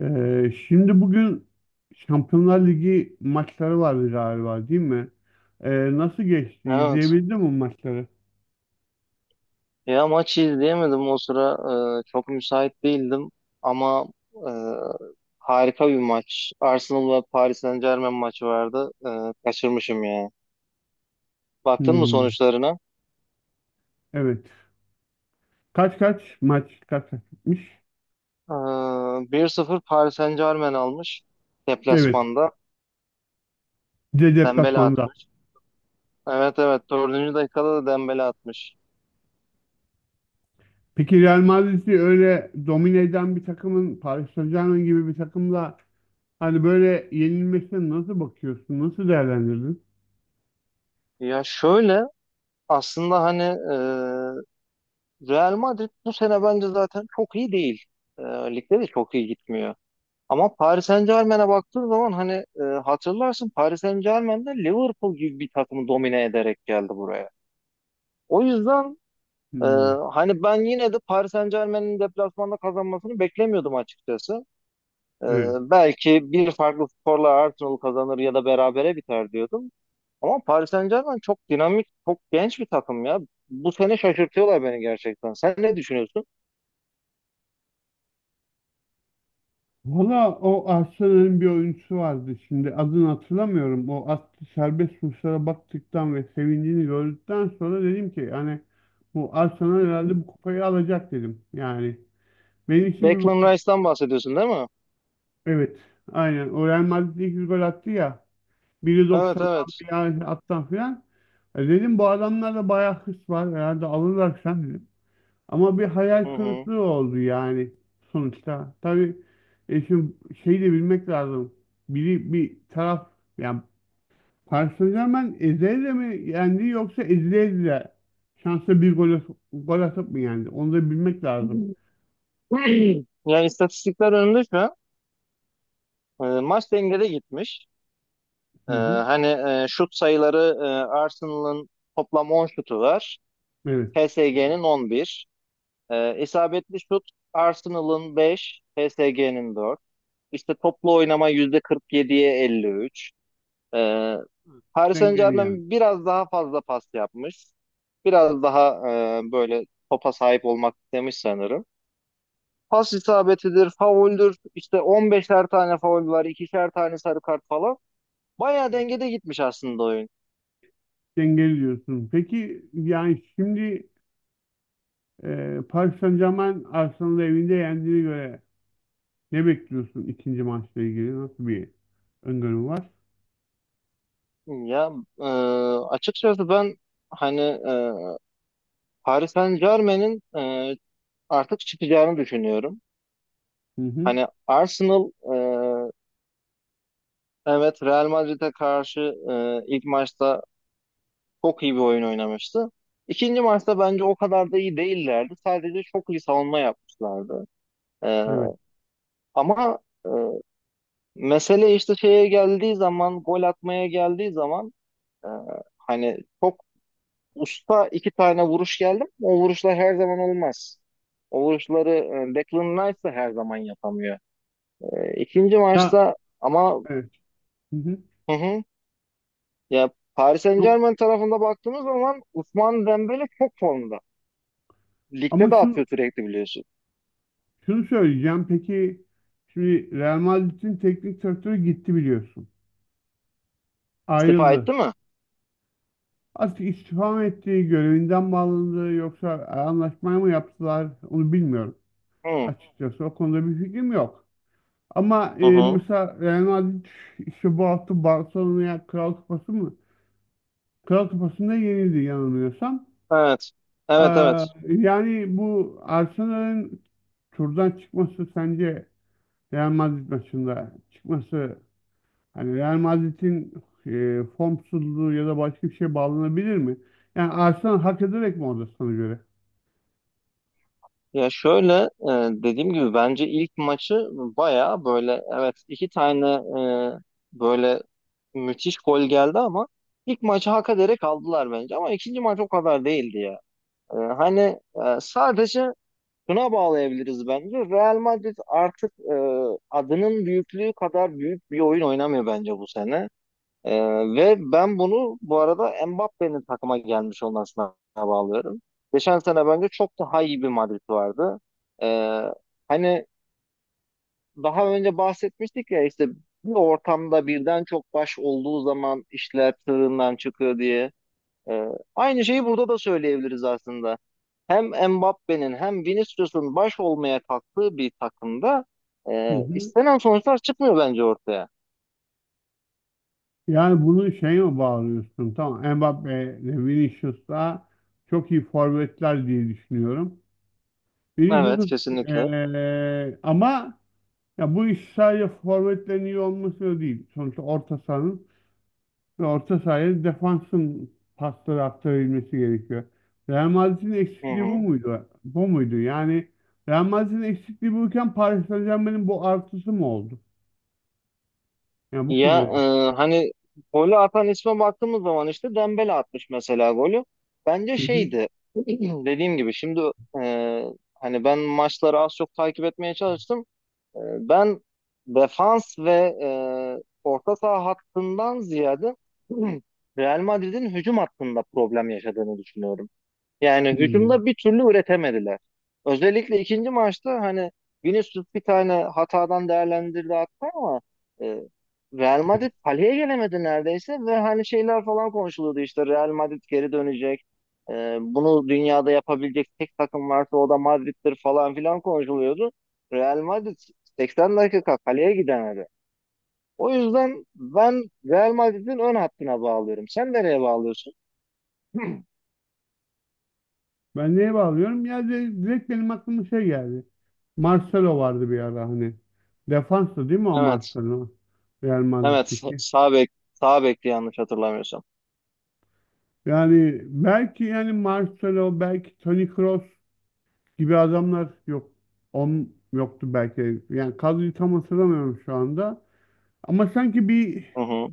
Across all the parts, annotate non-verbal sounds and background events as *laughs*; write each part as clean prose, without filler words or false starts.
Şimdi bugün Şampiyonlar Ligi maçları vardı galiba değil mi? Nasıl geçti? Evet. İzleyebildin mi maçları? Ya maçı izleyemedim o sıra. Çok müsait değildim. Ama e, harika bir maç. Arsenal ve Paris Saint-Germain maçı vardı. Kaçırmışım ya. Baktın mı Hmm, sonuçlarına? evet. Kaç kaç maç kaç kaç bitmiş? Ee, 1-0 Paris Saint-Germain almış. Evet. Deplasmanda. Bir de Dembele deplasmanda. atmış. Evet, evet. Dördüncü dakikada da Dembele atmış. Peki Real Madrid'i öyle domine eden bir takımın Paris Saint-Germain gibi bir takımla hani böyle yenilmesine nasıl bakıyorsun? Nasıl değerlendirdin? Ya şöyle, aslında hani Real Madrid bu sene bence zaten çok iyi değil. E, Ligde de çok iyi gitmiyor. Ama Paris Saint-Germain'e baktığın zaman hani hatırlarsın, Paris saint germainde Liverpool gibi bir takımı domine ederek geldi buraya. O yüzden e, Hmm, hani ben yine de Paris Saint-Germain'in deplasmanda kazanmasını beklemiyordum açıkçası. E, evet. Belki bir farklı skorla Arsenal kazanır ya da berabere biter diyordum. Ama Paris Saint-Germain çok dinamik, çok genç bir takım ya. Bu sene şaşırtıyorlar beni gerçekten. Sen ne düşünüyorsun? Valla o Arsenal'in bir oyuncusu vardı, şimdi adını hatırlamıyorum. O attı serbest vuruşlara baktıktan ve sevincini gördükten sonra dedim ki, yani bu Arsenal herhalde bu kupayı alacak dedim. Yani benim için bir Declan Rice'dan bahsediyorsun değil mi? evet aynen o Real Madrid 200 gol attı ya, biri Evet, 90'dan evet. bir attan filan. E dedim bu adamlarda bayağı hırs var, herhalde alırlar sen dedim. Ama bir hayal Hı kırıklığı oldu yani sonuçta. Tabii şimdi şey de bilmek lazım. Biri bir taraf yani Paris Saint-Germain ezele mi yendi yoksa ezile ezile şansa bir gol, gol atıp mı yendi? Onu da bilmek hı. lazım. *clears throat* Yani istatistikler önünde şu an. Maç dengede gitmiş. E, Hı hı. hani Şut sayıları, Arsenal'ın toplam 10 şutu var. Evet. PSG'nin 11. İsabetli şut Arsenal'ın 5, PSG'nin 4. İşte toplu oynama %47'ye 53. E, Paris Dengeli yani. Saint-Germain biraz daha fazla pas yapmış. Biraz daha e, böyle topa sahip olmak istemiş sanırım. Pas isabetidir, fauldür, işte 15'er tane faul var, ikişer tane sarı kart falan. Bayağı Hı hı. dengede gitmiş aslında oyun. Dengeli diyorsun. Peki yani şimdi Paris Saint-Germain Arsenal'ı evinde yendiğine göre ne bekliyorsun ikinci maçla ilgili? Nasıl bir öngörün var? Ya e, Açıkçası ben, hani Paris Saint-Germain'in artık çıkacağını düşünüyorum. Hı hı. Hani Arsenal, evet, Real Madrid'e karşı ilk maçta çok iyi bir oyun oynamıştı. İkinci maçta bence o kadar da iyi değillerdi. Sadece çok iyi savunma yapmışlardı. E, Evet. ama e, Mesele işte şeye geldiği zaman, gol atmaya geldiği zaman, e, hani çok usta iki tane vuruş geldi ama o vuruşlar her zaman olmaz. O vuruşları Declan Rice de her zaman yapamıyor. İkinci Ya maçta ama evet. Hı hı. hı hı, ya Paris Ama Saint-Germain tarafında baktığımız zaman Ousmane Dembele çok formda. Ligde ama de şunu, atıyor sürekli biliyorsun. şunu söyleyeceğim. Peki şimdi Real Madrid'in teknik direktörü gitti biliyorsun. İstifa Ayrıldı. etti mi? Artık istifa mı etti, görevinden mi yoksa anlaşmayı mı yaptılar onu bilmiyorum. Hı Açıkçası o konuda bir fikrim yok. Ama e, hı. Hı. mesela Real Madrid işte bu hafta Barcelona'ya Kral Kupası mı? Kral Kupası'nda yenildi yanılmıyorsam. Evet. Ee, Evet, evet. yani bu Arsenal'ın turdan çıkması, sence Real Madrid maçında çıkması hani Real Madrid'in formsuzluğu ya da başka bir şeye bağlanabilir mi? Yani Arsenal hak ederek mi orada sana göre? Ya şöyle, dediğim gibi bence ilk maçı baya böyle, evet, iki tane e, böyle müthiş gol geldi ama ilk maçı hak ederek aldılar bence, ama ikinci maç o kadar değildi ya. E, hani Sadece şuna bağlayabiliriz bence, Real Madrid artık adının büyüklüğü kadar büyük bir oyun oynamıyor bence bu sene. Ee, Ve ben bunu bu arada Mbappe'nin takıma gelmiş olmasına bağlıyorum. Geçen sene bence çok daha iyi bir Madrid vardı. Ee, hani daha önce bahsetmiştik ya işte, bir ortamda birden çok baş olduğu zaman işler tırından çıkıyor diye. Ee, Aynı şeyi burada da söyleyebiliriz aslında. Hem Mbappe'nin hem Vinicius'un baş olmaya kalktığı bir takımda Hı hı. istenen sonuçlar çıkmıyor bence ortaya. Yani bunu şeye mi bağlıyorsun? Tamam, Mbappe ile Vinicius da çok iyi forvetler diye düşünüyorum. Evet, Vinicius'u kesinlikle. e, ama ya bu iş sadece forvetlerin iyi olması da değil. Sonuçta orta sahanın ve orta sahaya defansın pasları aktarabilmesi gerekiyor. Real Madrid'in Hı eksikliği bu hı. muydu? Bu muydu? Yani Real Madrid'in eksikliği buyken Paris Saint-Germain'in bu artısı mı oldu? Yani bu Ya konuda. e, hani golü atan isme baktığımız zaman işte Dembele atmış mesela golü. Bence Hı hı. şeydi. *clears throat* Dediğim gibi şimdi, e, hani ben maçları az çok takip etmeye çalıştım. E, Ben defans ve e, orta saha hattından ziyade *clears throat* Real Madrid'in hücum hattında problem yaşadığını düşünüyorum. Yani Hmm. hücumda bir türlü üretemediler. Özellikle ikinci maçta hani Vinicius bir tane hatadan değerlendirdi hatta, ama e, Real Evet. Madrid kaleye gelemedi neredeyse ve hani şeyler falan konuşuluyordu işte, Real Madrid geri dönecek. Bunu dünyada yapabilecek tek takım varsa o da Madrid'dir falan filan konuşuluyordu. Real Madrid 80 dakika kaleye gidemedi. O yüzden ben Real Madrid'in ön hattına bağlıyorum. Sen nereye bağlıyorsun? *clears throat* Ben neye bağlıyorum? Ya direkt benim aklıma şey geldi. Marcelo vardı bir ara hani. Defanstı değil mi o Evet. Marcelo? Real Evet, Madrid'deki. sağ bekti yanlış hatırlamıyorsam. Yani belki yani Marcelo, belki Toni Kroos gibi adamlar yok. On yoktu belki. Yani kadroyu tam hatırlamıyorum şu anda. Ama sanki bir Hı hı.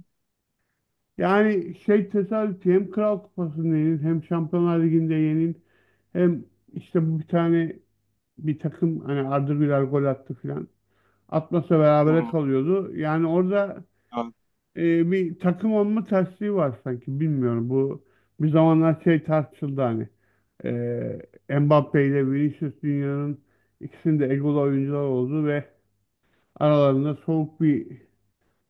yani şey tesadüfi, hem Kral Kupası'nda yenil, hem Şampiyonlar Ligi'nde yenil, hem işte bu bir tane bir takım hani Arda Güler gol attı filan. Atmasa Hı berabere hı. kalıyordu. Yani orada Evet, bir takım olma tersliği var sanki. Bilmiyorum, bu bir zamanlar şey tartışıldı hani. Mbappe ile Vinicius dünyanın, İkisinin de egolu oyuncular oldu ve aralarında soğuk bir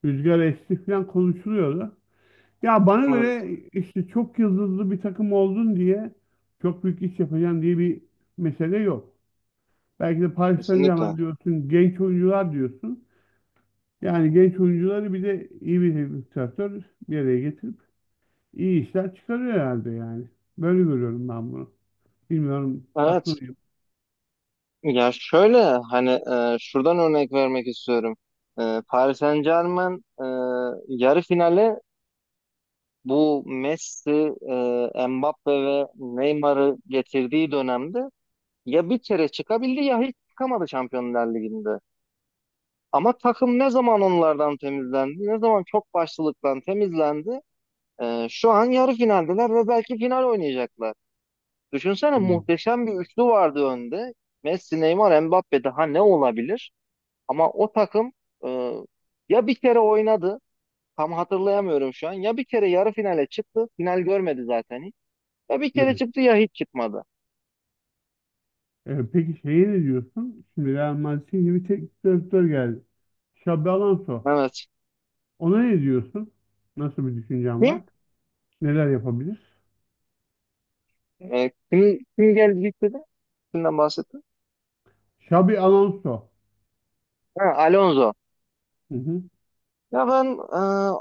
rüzgar esti falan konuşuluyordu. Ya bana evet, göre işte çok yıldızlı bir takım oldun diye çok büyük iş yapacaksın diye bir mesele yok. Belki de Paris kesinlikle. Saint-Germain diyorsun, genç oyuncular diyorsun. Yani genç oyuncuları bir de iyi bir teknik direktör bir araya getirip iyi işler çıkarıyor herhalde yani. Böyle görüyorum ben bunu. Bilmiyorum, haklı Evet. mıyım? Ya şöyle, hani şuradan örnek vermek istiyorum. Paris Saint-Germain yarı finale bu Messi, Mbappe ve Neymar'ı getirdiği dönemde ya bir kere çıkabildi ya hiç çıkamadı Şampiyonlar Ligi'nde. Ama takım ne zaman onlardan temizlendi, ne zaman çok başlılıktan temizlendi, şu an yarı finaldeler ve belki final oynayacaklar. Düşünsene, Hmm, muhteşem bir üçlü vardı önde. Messi, Neymar, Mbappe, daha ne olabilir? Ama o takım, e, ya bir kere oynadı, tam hatırlayamıyorum şu an. Ya bir kere yarı finale çıktı, final görmedi zaten hiç. Ya bir kere evet. çıktı ya hiç çıkmadı. Peki şeye ne diyorsun? Şimdi Real Madrid'e yeni bir teknik direktör geldi. Xabi Alonso. Evet. Ona ne diyorsun? Nasıl bir düşüncen Kim? var? Neler yapabilir? E, kim geldi gitti de? Kimden bahsettin? Xabi Alonso. Ha, Alonso. Hı hı. Ya ben e,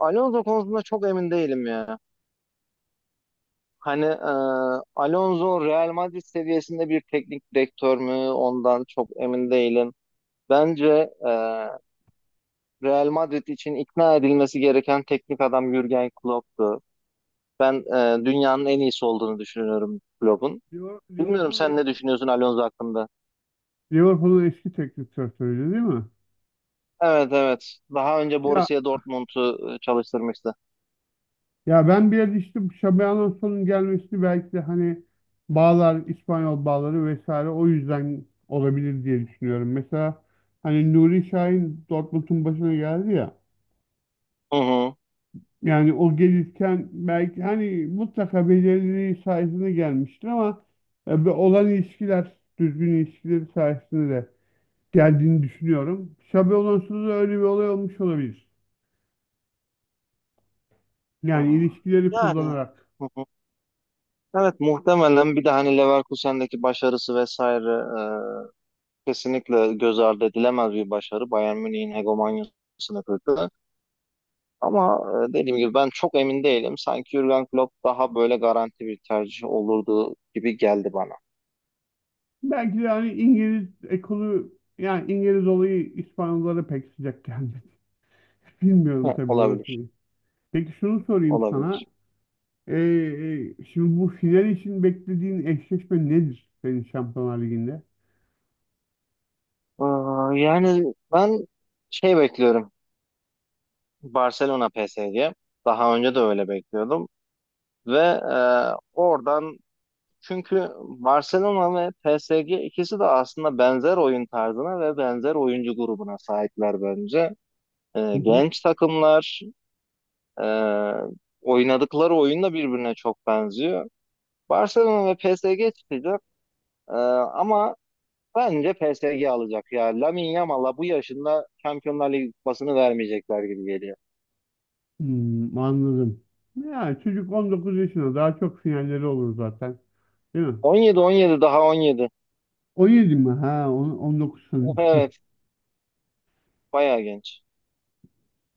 Alonso konusunda çok emin değilim ya. Hani Alonso Real Madrid seviyesinde bir teknik direktör mü? Ondan çok emin değilim. Bence e, Real Madrid için ikna edilmesi gereken teknik adam Jürgen Klopp'tu. Ben dünyanın en iyisi olduğunu düşünüyorum Klopp'un. Bilmiyorum, sen Liverpool'un, ne düşünüyorsun Alonso hakkında? Liverpool'un eski teknik direktörüydü değil mi? Evet, evet. Daha önce Ya Borussia Dortmund'u çalıştırmıştı. ya ben bir yerde işte bu Xabi Alonso'nun gelmesini belki de hani bağlar, İspanyol bağları vesaire o yüzden olabilir diye düşünüyorum. Mesela hani Nuri Şahin Dortmund'un başına geldi ya. Hı hı. Yani o gelirken belki hani mutlaka belirliliği sayesinde gelmiştir ama bu olan ilişkiler, düzgün ilişkileri sayesinde de geldiğini düşünüyorum. Şabe Alonso'da da öyle bir olay olmuş olabilir. Yani Aa, ilişkileri yani. kullanarak. Hı hı. Evet, muhtemelen bir de hani Leverkusen'deki başarısı vesaire, kesinlikle göz ardı edilemez bir başarı. Bayern Münih'in hegemonyasını kırdı. Ama dediğim gibi ben çok emin değilim. Sanki Jürgen Klopp daha böyle garanti bir tercih olurdu gibi geldi bana. Belki de hani İngiliz ekolü, yani İngiliz olayı İspanyollara pek sıcak gelmedi. *laughs* Bilmiyorum He, tabii olabilir, orasını. Peki şunu sorayım sana. olabilir. Şimdi bu final için beklediğin eşleşme nedir senin Şampiyonlar Ligi'nde? Ee, Yani ben şey bekliyorum. Barcelona PSG'ye. Daha önce de öyle bekliyordum. Ve oradan, çünkü Barcelona ve PSG ikisi de aslında benzer oyun tarzına ve benzer oyuncu grubuna sahipler bence. *laughs* Genç takımlar, e, oynadıkları oyun da birbirine çok benziyor. Barcelona ve PSG çıkacak. E, ama bence PSG alacak. Ya Lamine Yamal'a bu yaşında Şampiyonlar Ligi kupasını vermeyecekler gibi geliyor. Hmm, anladım. Ya çocuk 19 yaşında, daha çok sinyalleri olur zaten. Değil mi? 17-17 daha 17. 17 mi? Ha 19 *laughs* sanırım. Evet, bayağı genç.